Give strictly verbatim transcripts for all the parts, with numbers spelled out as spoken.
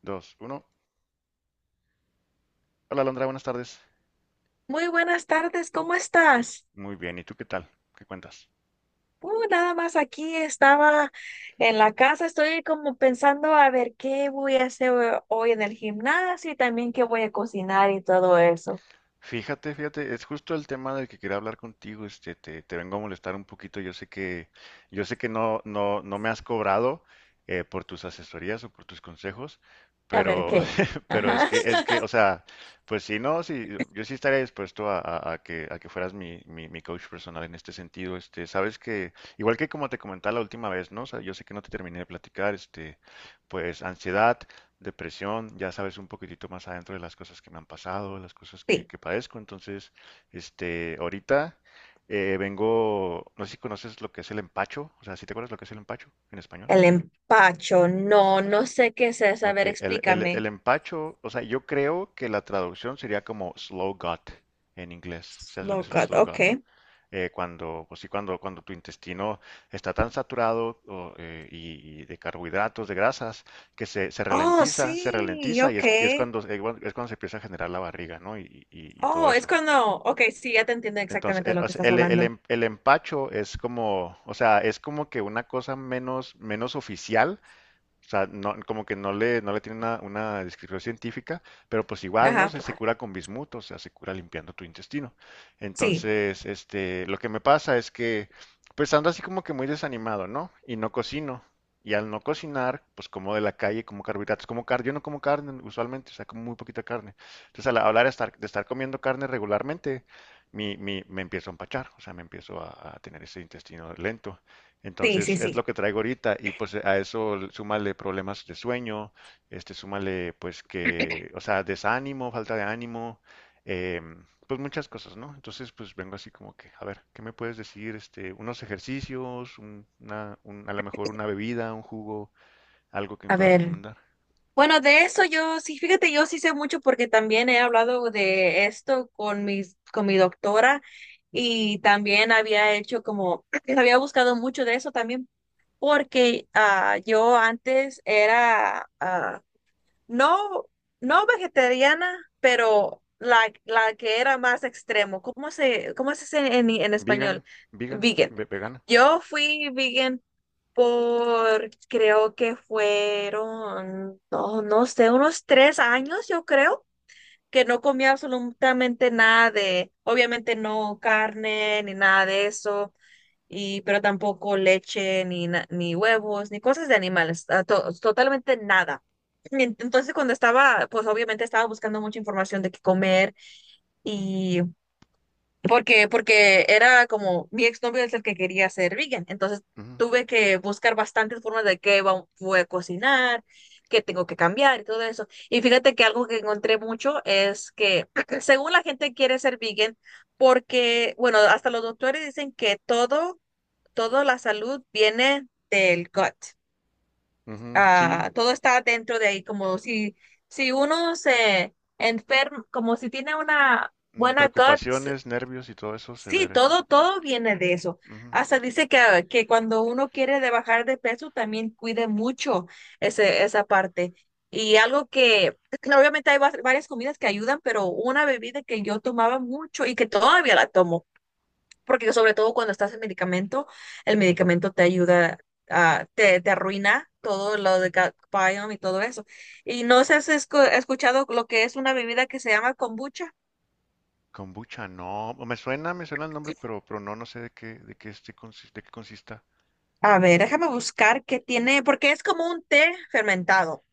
Dos, uno. Hola, Alondra, buenas tardes. Muy buenas tardes, ¿cómo estás? Muy bien, ¿y tú qué tal? ¿Qué cuentas? Uh, nada más aquí estaba en la casa, estoy como pensando a ver qué voy a hacer hoy en el gimnasio y también qué voy a cocinar y todo eso. Fíjate, fíjate, es justo el tema del que quería hablar contigo. Este, te, te vengo a molestar un poquito. Yo sé que, yo sé que no, no, no me has cobrado eh, por tus asesorías o por tus consejos, A ver pero, qué. pero es Ajá. que, es que, o sea, pues si no, sí, yo sí estaría dispuesto a, a- a que, a que fueras mi, mi, mi coach personal en este sentido. Este, sabes que, igual que como te comentaba la última vez, ¿no? O sea, yo sé que no te terminé de platicar, este, pues ansiedad, depresión, ya sabes un poquitito más adentro de las cosas que me han pasado, las cosas que, Sí, que padezco. Entonces, este, ahorita eh, vengo, no sé si conoces lo que es el empacho, o sea, ¿si te acuerdas lo que es el empacho en español? el empacho, no, no sé qué es eso. A Ok, ver, el, el- el explícame. empacho, o sea, yo creo que la traducción sería como slow gut en inglés. ¿Sabes lo que Slow es el cut, slow ok. gut, no? Eh, cuando, pues sí, cuando, cuando tu intestino está tan saturado o, eh, y, y de carbohidratos, de grasas, que se, se Oh, ralentiza, se sí, ralentiza y ok. es, y es cuando, es cuando es cuando se empieza a generar la barriga, ¿no? Y, y- y todo Oh, es eso. cuando, ok, sí, ya te entiendo Entonces, exactamente eh, lo o que sea, estás el, el hablando. em- el empacho es como, o sea, es como que una cosa menos, menos oficial. O sea, no, como que no le, no le tiene una, una descripción científica, pero pues igual, ¿no? Ajá, Se, se cura con bismuto, o sea, se cura limpiando tu intestino. sí, Entonces, este, lo que me pasa es que, pues ando así como que muy desanimado, ¿no? Y no cocino. Y al no cocinar, pues como de la calle, como carbohidratos, como carne. Yo no como carne usualmente, o sea, como muy poquita carne. Entonces, al hablar de estar, de estar comiendo carne regularmente, mi, mi- me empiezo a empachar, o sea, me empiezo a, a tener ese intestino lento. sí, Entonces sí, es lo sí. que traigo ahorita, y pues a eso l- súmale problemas de sueño, este, súmale pues que, o sea, desánimo, falta de ánimo, em, pues muchas cosas, ¿no? Entonces pues vengo así como que, a ver, ¿qué me puedes decir? Este, unos ejercicios, un- una, un- a lo mejor una bebida, un jugo, algo que me A puedas ver. recomendar. Bueno, de eso yo sí, fíjate, yo sí sé mucho porque también he hablado de esto con mis, con mi doctora y también había hecho como, había buscado mucho de eso también porque ah, yo antes era, ah, no, no vegetariana, pero la, la que era más extremo. ¿Cómo se, cómo se dice en, en Vegan, español? vegan, Vegan. ve- vegana. Yo fui vegan por, creo que fueron, no, no sé, unos tres años, yo creo, que no comía absolutamente nada de, obviamente no carne ni nada de eso y pero tampoco leche, ni, na- ni huevos, ni cosas de animales, ah, to- totalmente nada. Y entonces cuando estaba, pues obviamente estaba buscando mucha información de qué comer y porque, porque era como mi exnovio es el que quería ser vegan, entonces Ujú, tuve que buscar bastantes formas de qué va- voy a cocinar, qué tengo que cambiar y todo eso. Y fíjate que algo que encontré mucho es que según la gente quiere ser vegan, porque, bueno, hasta los doctores dicen que todo toda la salud viene del gut. ujú, sí. Ah, todo está dentro de ahí, como si, si uno se enferma, como si tiene una Mm, buena gut, s- preocupaciones, nervios y todo eso se sí, ve. todo, todo viene de eso. Hasta dice que, ah, que cuando uno quiere de bajar de peso, también cuide mucho ese, esa parte. Y algo que, claro, obviamente hay va- varias comidas que ayudan, pero una bebida que yo tomaba mucho y que todavía la tomo porque sobre todo cuando estás en medicamento, el medicamento te ayuda a, te, te arruina todo lo de gut biome y todo eso. Y no sé si has escu- escuchado lo que es una bebida que se llama kombucha. Kombucha, no, me suena, me suena el nombre, pero, pero no, no sé de qué, de qué este consi- de qué consista. A ver, déjame buscar qué tiene, porque es como un té fermentado.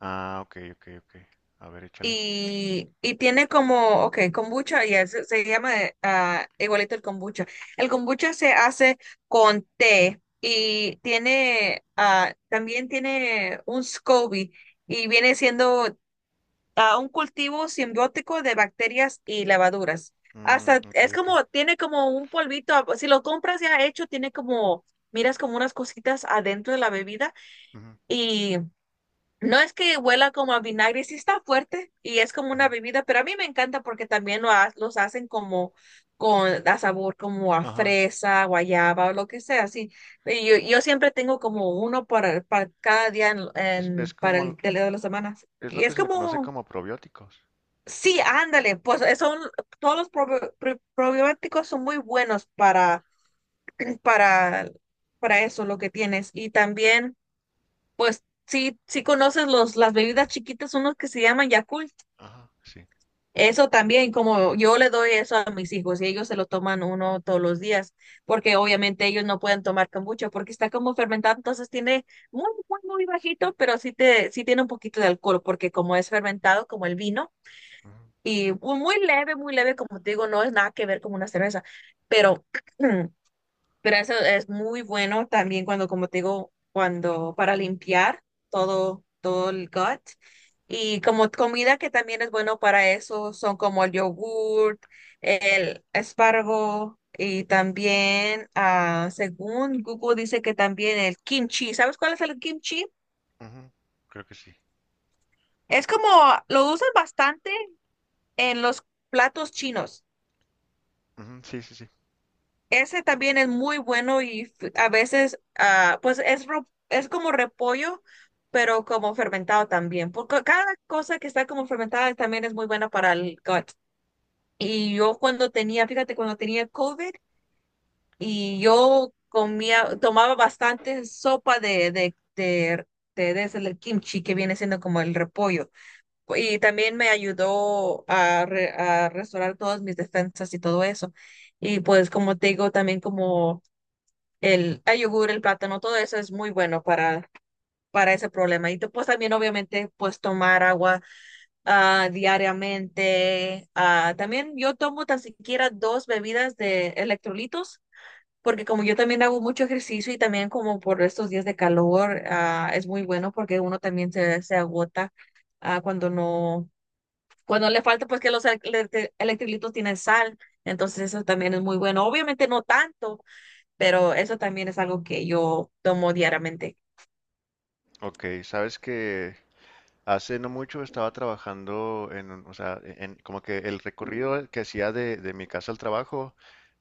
Ah, ok, ok, ok. A ver, échale. Y, y tiene como, ok, kombucha, ya se, se llama eh, ah, igualito el kombucha. El kombucha se hace con té y tiene, ah, también tiene un SCOBY y viene siendo a un cultivo simbiótico de bacterias y levaduras. Mm, Hasta ok, es ok. como, tiene como un polvito, a- si lo compras ya hecho, tiene como, miras como unas cositas adentro de la bebida Ujú, y no es que huela como a vinagre, sí está fuerte y es como ujú. una bebida, pero a mí me encanta porque también lo ha- los hacen como con a sabor como a Ajá. fresa, guayaba o lo que sea, así. Y Yo, yo siempre tengo como uno para, para cada día en, Es, en- es para como, el de la semana. es lo Y que es se le conoce como como probióticos. sí, ándale, pues eh, son todos los probi- pro- probióticos son muy buenos para para para eso lo que tienes y también pues sí sí conoces los las bebidas chiquitas unos que se llaman Yakult. Ajá, sí. Eso también como yo le doy eso a mis hijos y ellos se lo toman uno todos los días porque obviamente ellos no pueden tomar kombucha porque está como fermentado, entonces tiene muy muy muy bajito, pero sí te sí tiene un poquito de alcohol porque como es fermentado como el vino. Ujú, Y mu- muy leve, muy leve, como te digo, no es nada que ver con una cerveza, pero, pero eso es muy bueno también cuando, como te digo, cuando para limpiar todo, todo el gut. Y como comida que también es bueno para eso, son como el yogurt, el espárrago y también, ah, según Google dice que también el kimchi. ¿Sabes cuál es el kimchi? ujú. Creo que sí. Es como, lo usan bastante en los platos chinos. Ujú, sí, sí, sí. Ese también es muy bueno y f- a veces, ah, pues es, ro- es como repollo, pero como fermentado también, porque cada cosa que está como fermentada también es muy buena para el gut. Y yo cuando tenía, fíjate, cuando tenía COVID y yo comía, tomaba bastante sopa de, de, de, de, de ese, el kimchi que viene siendo como el repollo. Y también me ayudó a, re- a restaurar todas mis defensas y todo eso. Y pues como te digo, también como el, el yogur, el plátano, todo eso es muy bueno para, para ese problema. Y te- pues también obviamente pues tomar agua ah, diariamente. Ah, también yo tomo tan siquiera dos bebidas de electrolitos, porque como yo también hago mucho ejercicio y también como por estos días de calor, ah, es muy bueno porque uno también se, se agota ah, cuando no, cuando le falta pues que los electri- electrolitos tienen sal. Entonces eso también es muy bueno. Obviamente no tanto, pero eso también es algo que yo tomo diariamente. Ok, sabes que hace no mucho estaba trabajando en, un- o sea, e-, en- como que el recorrido que hacía de, de mi casa al trabajo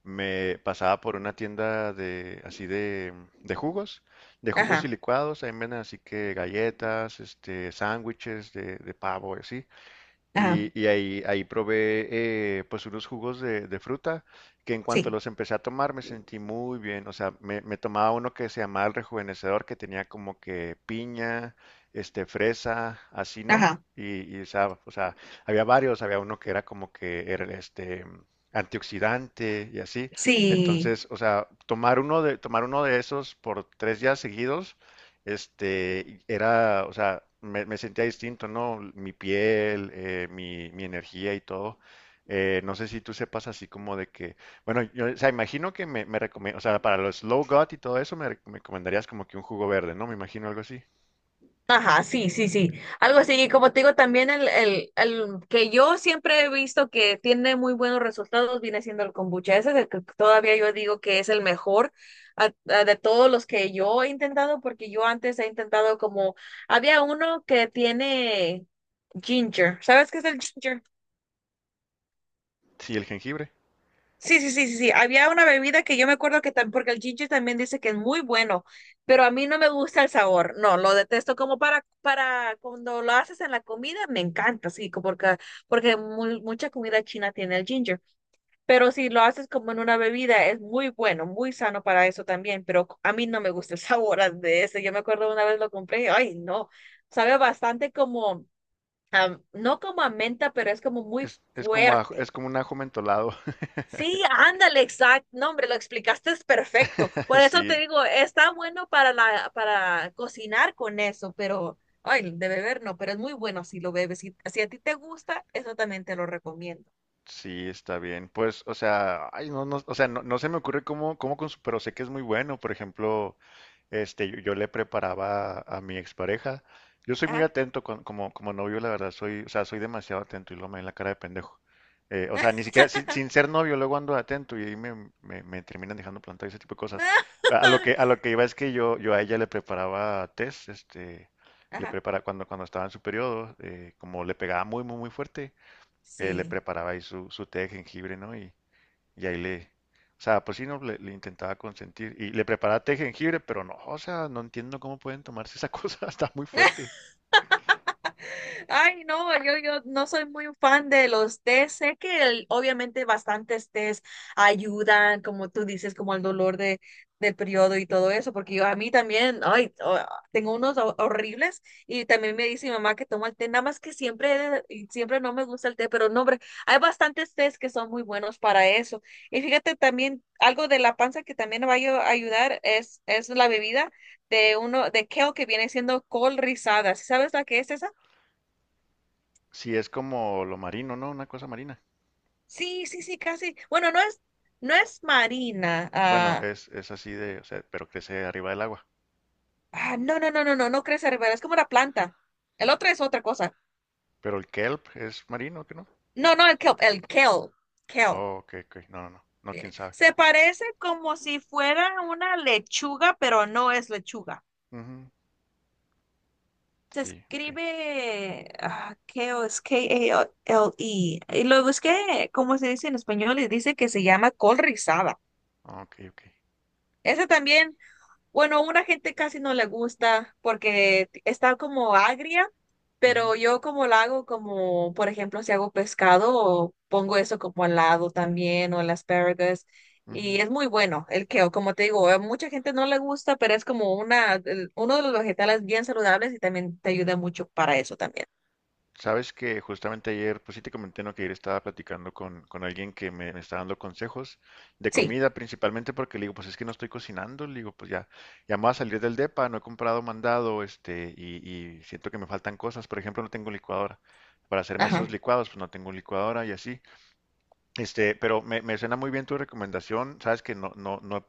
me pasaba por una tienda de así de, de jugos, de jugos y Ajá, licuados. Ahí venden así que galletas, este, sándwiches de, de pavo y así. ajá, Y, y ahí, ahí probé eh, pues unos jugos de, de fruta que en cuanto sí, los empecé a tomar me sentí muy bien. O sea, me, me tomaba uno que se llamaba el rejuvenecedor, que tenía como que piña, este, fresa, así, ¿no? ajá, Y, y sa- o sea, había varios, había uno que era como que era este antioxidante y así. sí, Entonces, o sea, tomar uno de, tomar uno de esos por tres días seguidos, este, era, o sea, me, me sentía distinto, ¿no? Mi piel, eh, mi, mi energía y todo. Eh, no sé si tú sepas así como de que, bueno, yo, o sea, imagino que me, me recome- o sea, para los slow gut y todo eso me, re- me recomendarías como que un jugo verde, ¿no? Me imagino algo así. ajá, sí, sí, sí. Algo así, y como te digo, también el, el, el que yo siempre he visto que tiene muy buenos resultados viene siendo el kombucha. Ese es el que todavía yo digo que es el mejor. A- a- de todos los que yo he intentado, porque yo antes he intentado como, había uno que tiene ginger, ¿sabes qué es el ginger? Sí, el jengibre. Sí, sí, sí, sí, sí. Había una bebida que yo me acuerdo que también, porque el ginger también dice que es muy bueno, pero a mí no me gusta el sabor. No, lo detesto como para, para cuando lo haces en la comida, me encanta, sí, como porque, porque mu- mucha comida china tiene el ginger. Pero si lo haces como en una bebida, es muy bueno, muy sano para eso también, pero a mí no me gusta el sabor a- de ese. Yo me acuerdo una vez lo compré, y, ay, no, sabe bastante como, a- no como a menta, pero es como muy Es, es como ajo- fuerte. es como un ajo mentolado. Sí, ándale, exacto. No, hombre, lo explicaste es perfecto. Por eso Sí, te digo, está bueno para la, para cocinar con eso, pero, ay, de beber no, pero es muy bueno si lo bebes. Si, si a ti te gusta, eso también te lo recomiendo. sí, está bien. Pues, o sea, ay, no, no, o sea, no, no se me ocurre cómo, cómo con su- pero sé que es muy bueno. Por ejemplo, este, yo, yo le preparaba a mi expareja. Yo soy muy Ajá. atento con- como, como novio, la verdad, soy, o sea, soy demasiado atento y lo me ven la cara de pendejo. Eh, o sea, ni siquiera, sin, sin ser novio, luego ando atento y ahí me, me, me terminan dejando plantado y ese tipo de cosas. A a lo que, a lo que iba es que yo, yo a ella le preparaba test, este, le Ajá. preparaba cuando, cuando estaba en su periodo, eh, como le pegaba muy, muy, muy fuerte. Eh, le Sí. preparaba ahí su, su té de jengibre, ¿no? Y, y ahí le, o sea, pues sí, no, le, le intentaba consentir. Y le preparaba té de jengibre, pero no, o sea, no entiendo cómo pueden tomarse esa cosa, está muy fuerte. Ay, no, yo, yo no soy muy fan de los tés. Sé que el- obviamente bastantes tés ayudan, como tú dices, como el dolor de, del periodo y todo eso, porque yo a mí también, ay, oh, tengo unos ho- horribles y también me dice mi mamá que toma el té, nada más que siempre, y siempre no me gusta el té, pero no, hombre, hay bastantes tés que son muy buenos para eso. Y fíjate también, algo de la panza que también va a ayu- ayudar es, es la bebida de uno, de kale que viene siendo col rizada. ¿Sí sabes la que es esa? ¿Si es como lo marino, no? Una cosa marina. Sí, sí, sí, casi. Bueno, no es, no es marina. Bueno, Ah, es, es así de, o sea, pero crece arriba del agua. ah, no, no, no, no, no, no crece ribera, es como una planta. El otro es otra cosa. Pero el kelp es marino, ¿qué no? No, no, el kelp, el kelp, kelp. Oh, ok, ok, no, no, no, no, quién sabe. Se parece como si fuera una lechuga, pero no es lechuga. Ujú. Se Sí, ok, escribe ah, kale, es K A L E. Y lo busqué, como se dice en español, y dice que se llama col rizada. ok, ok. Ese también. Bueno, una gente casi no le gusta porque t- está como agria, Ujú, pero yo como la hago como, por ejemplo, si hago pescado, pongo eso como al lado también o el asparagus y ujú. es muy bueno el kale, como te digo, a mucha gente no le gusta, pero es como una, el- uno de los vegetales bien saludables y también te ayuda mucho para eso también. Sabes que justamente ayer, pues sí te comenté, ¿no? Que ayer estaba platicando con, con alguien que me, me está dando consejos de Sí, comida, principalmente porque le digo, pues es que no estoy cocinando, le digo, pues ya, ya me voy a salir del depa, no he comprado mandado, este, y, y siento que me faltan cosas. Por ejemplo, no tengo licuadora. Para hacerme esos ajá. licuados, pues no tengo licuadora y así. Este, pero me, me suena muy bien tu recomendación. Sabes que no, no, no,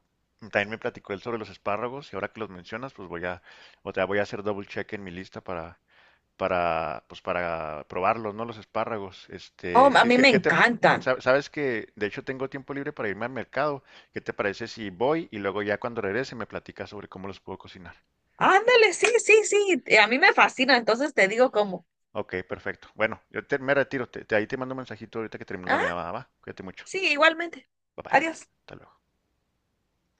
también me platicó él sobre los espárragos, y ahora que los mencionas, pues voy a, o sea, voy a hacer double check en mi lista para para, pues para probarlos, ¿no? Los espárragos. Oh, Este, a ¿qué, mí qué- me qué te, encantan. sa- sabes que de hecho tengo tiempo libre para irme al mercado? ¿Qué te parece si voy y luego ya cuando regrese me platicas sobre cómo los puedo cocinar? Ándale, sí, sí, sí, a mí me fascina, entonces te digo como, Ok, perfecto. Bueno, yo te- me retiro. Te, te- ahí te mando un mensajito ahorita que termino la ah, llamada, ¿va? Cuídate mucho. sí, igualmente. Bye bye. Adiós. Hasta luego.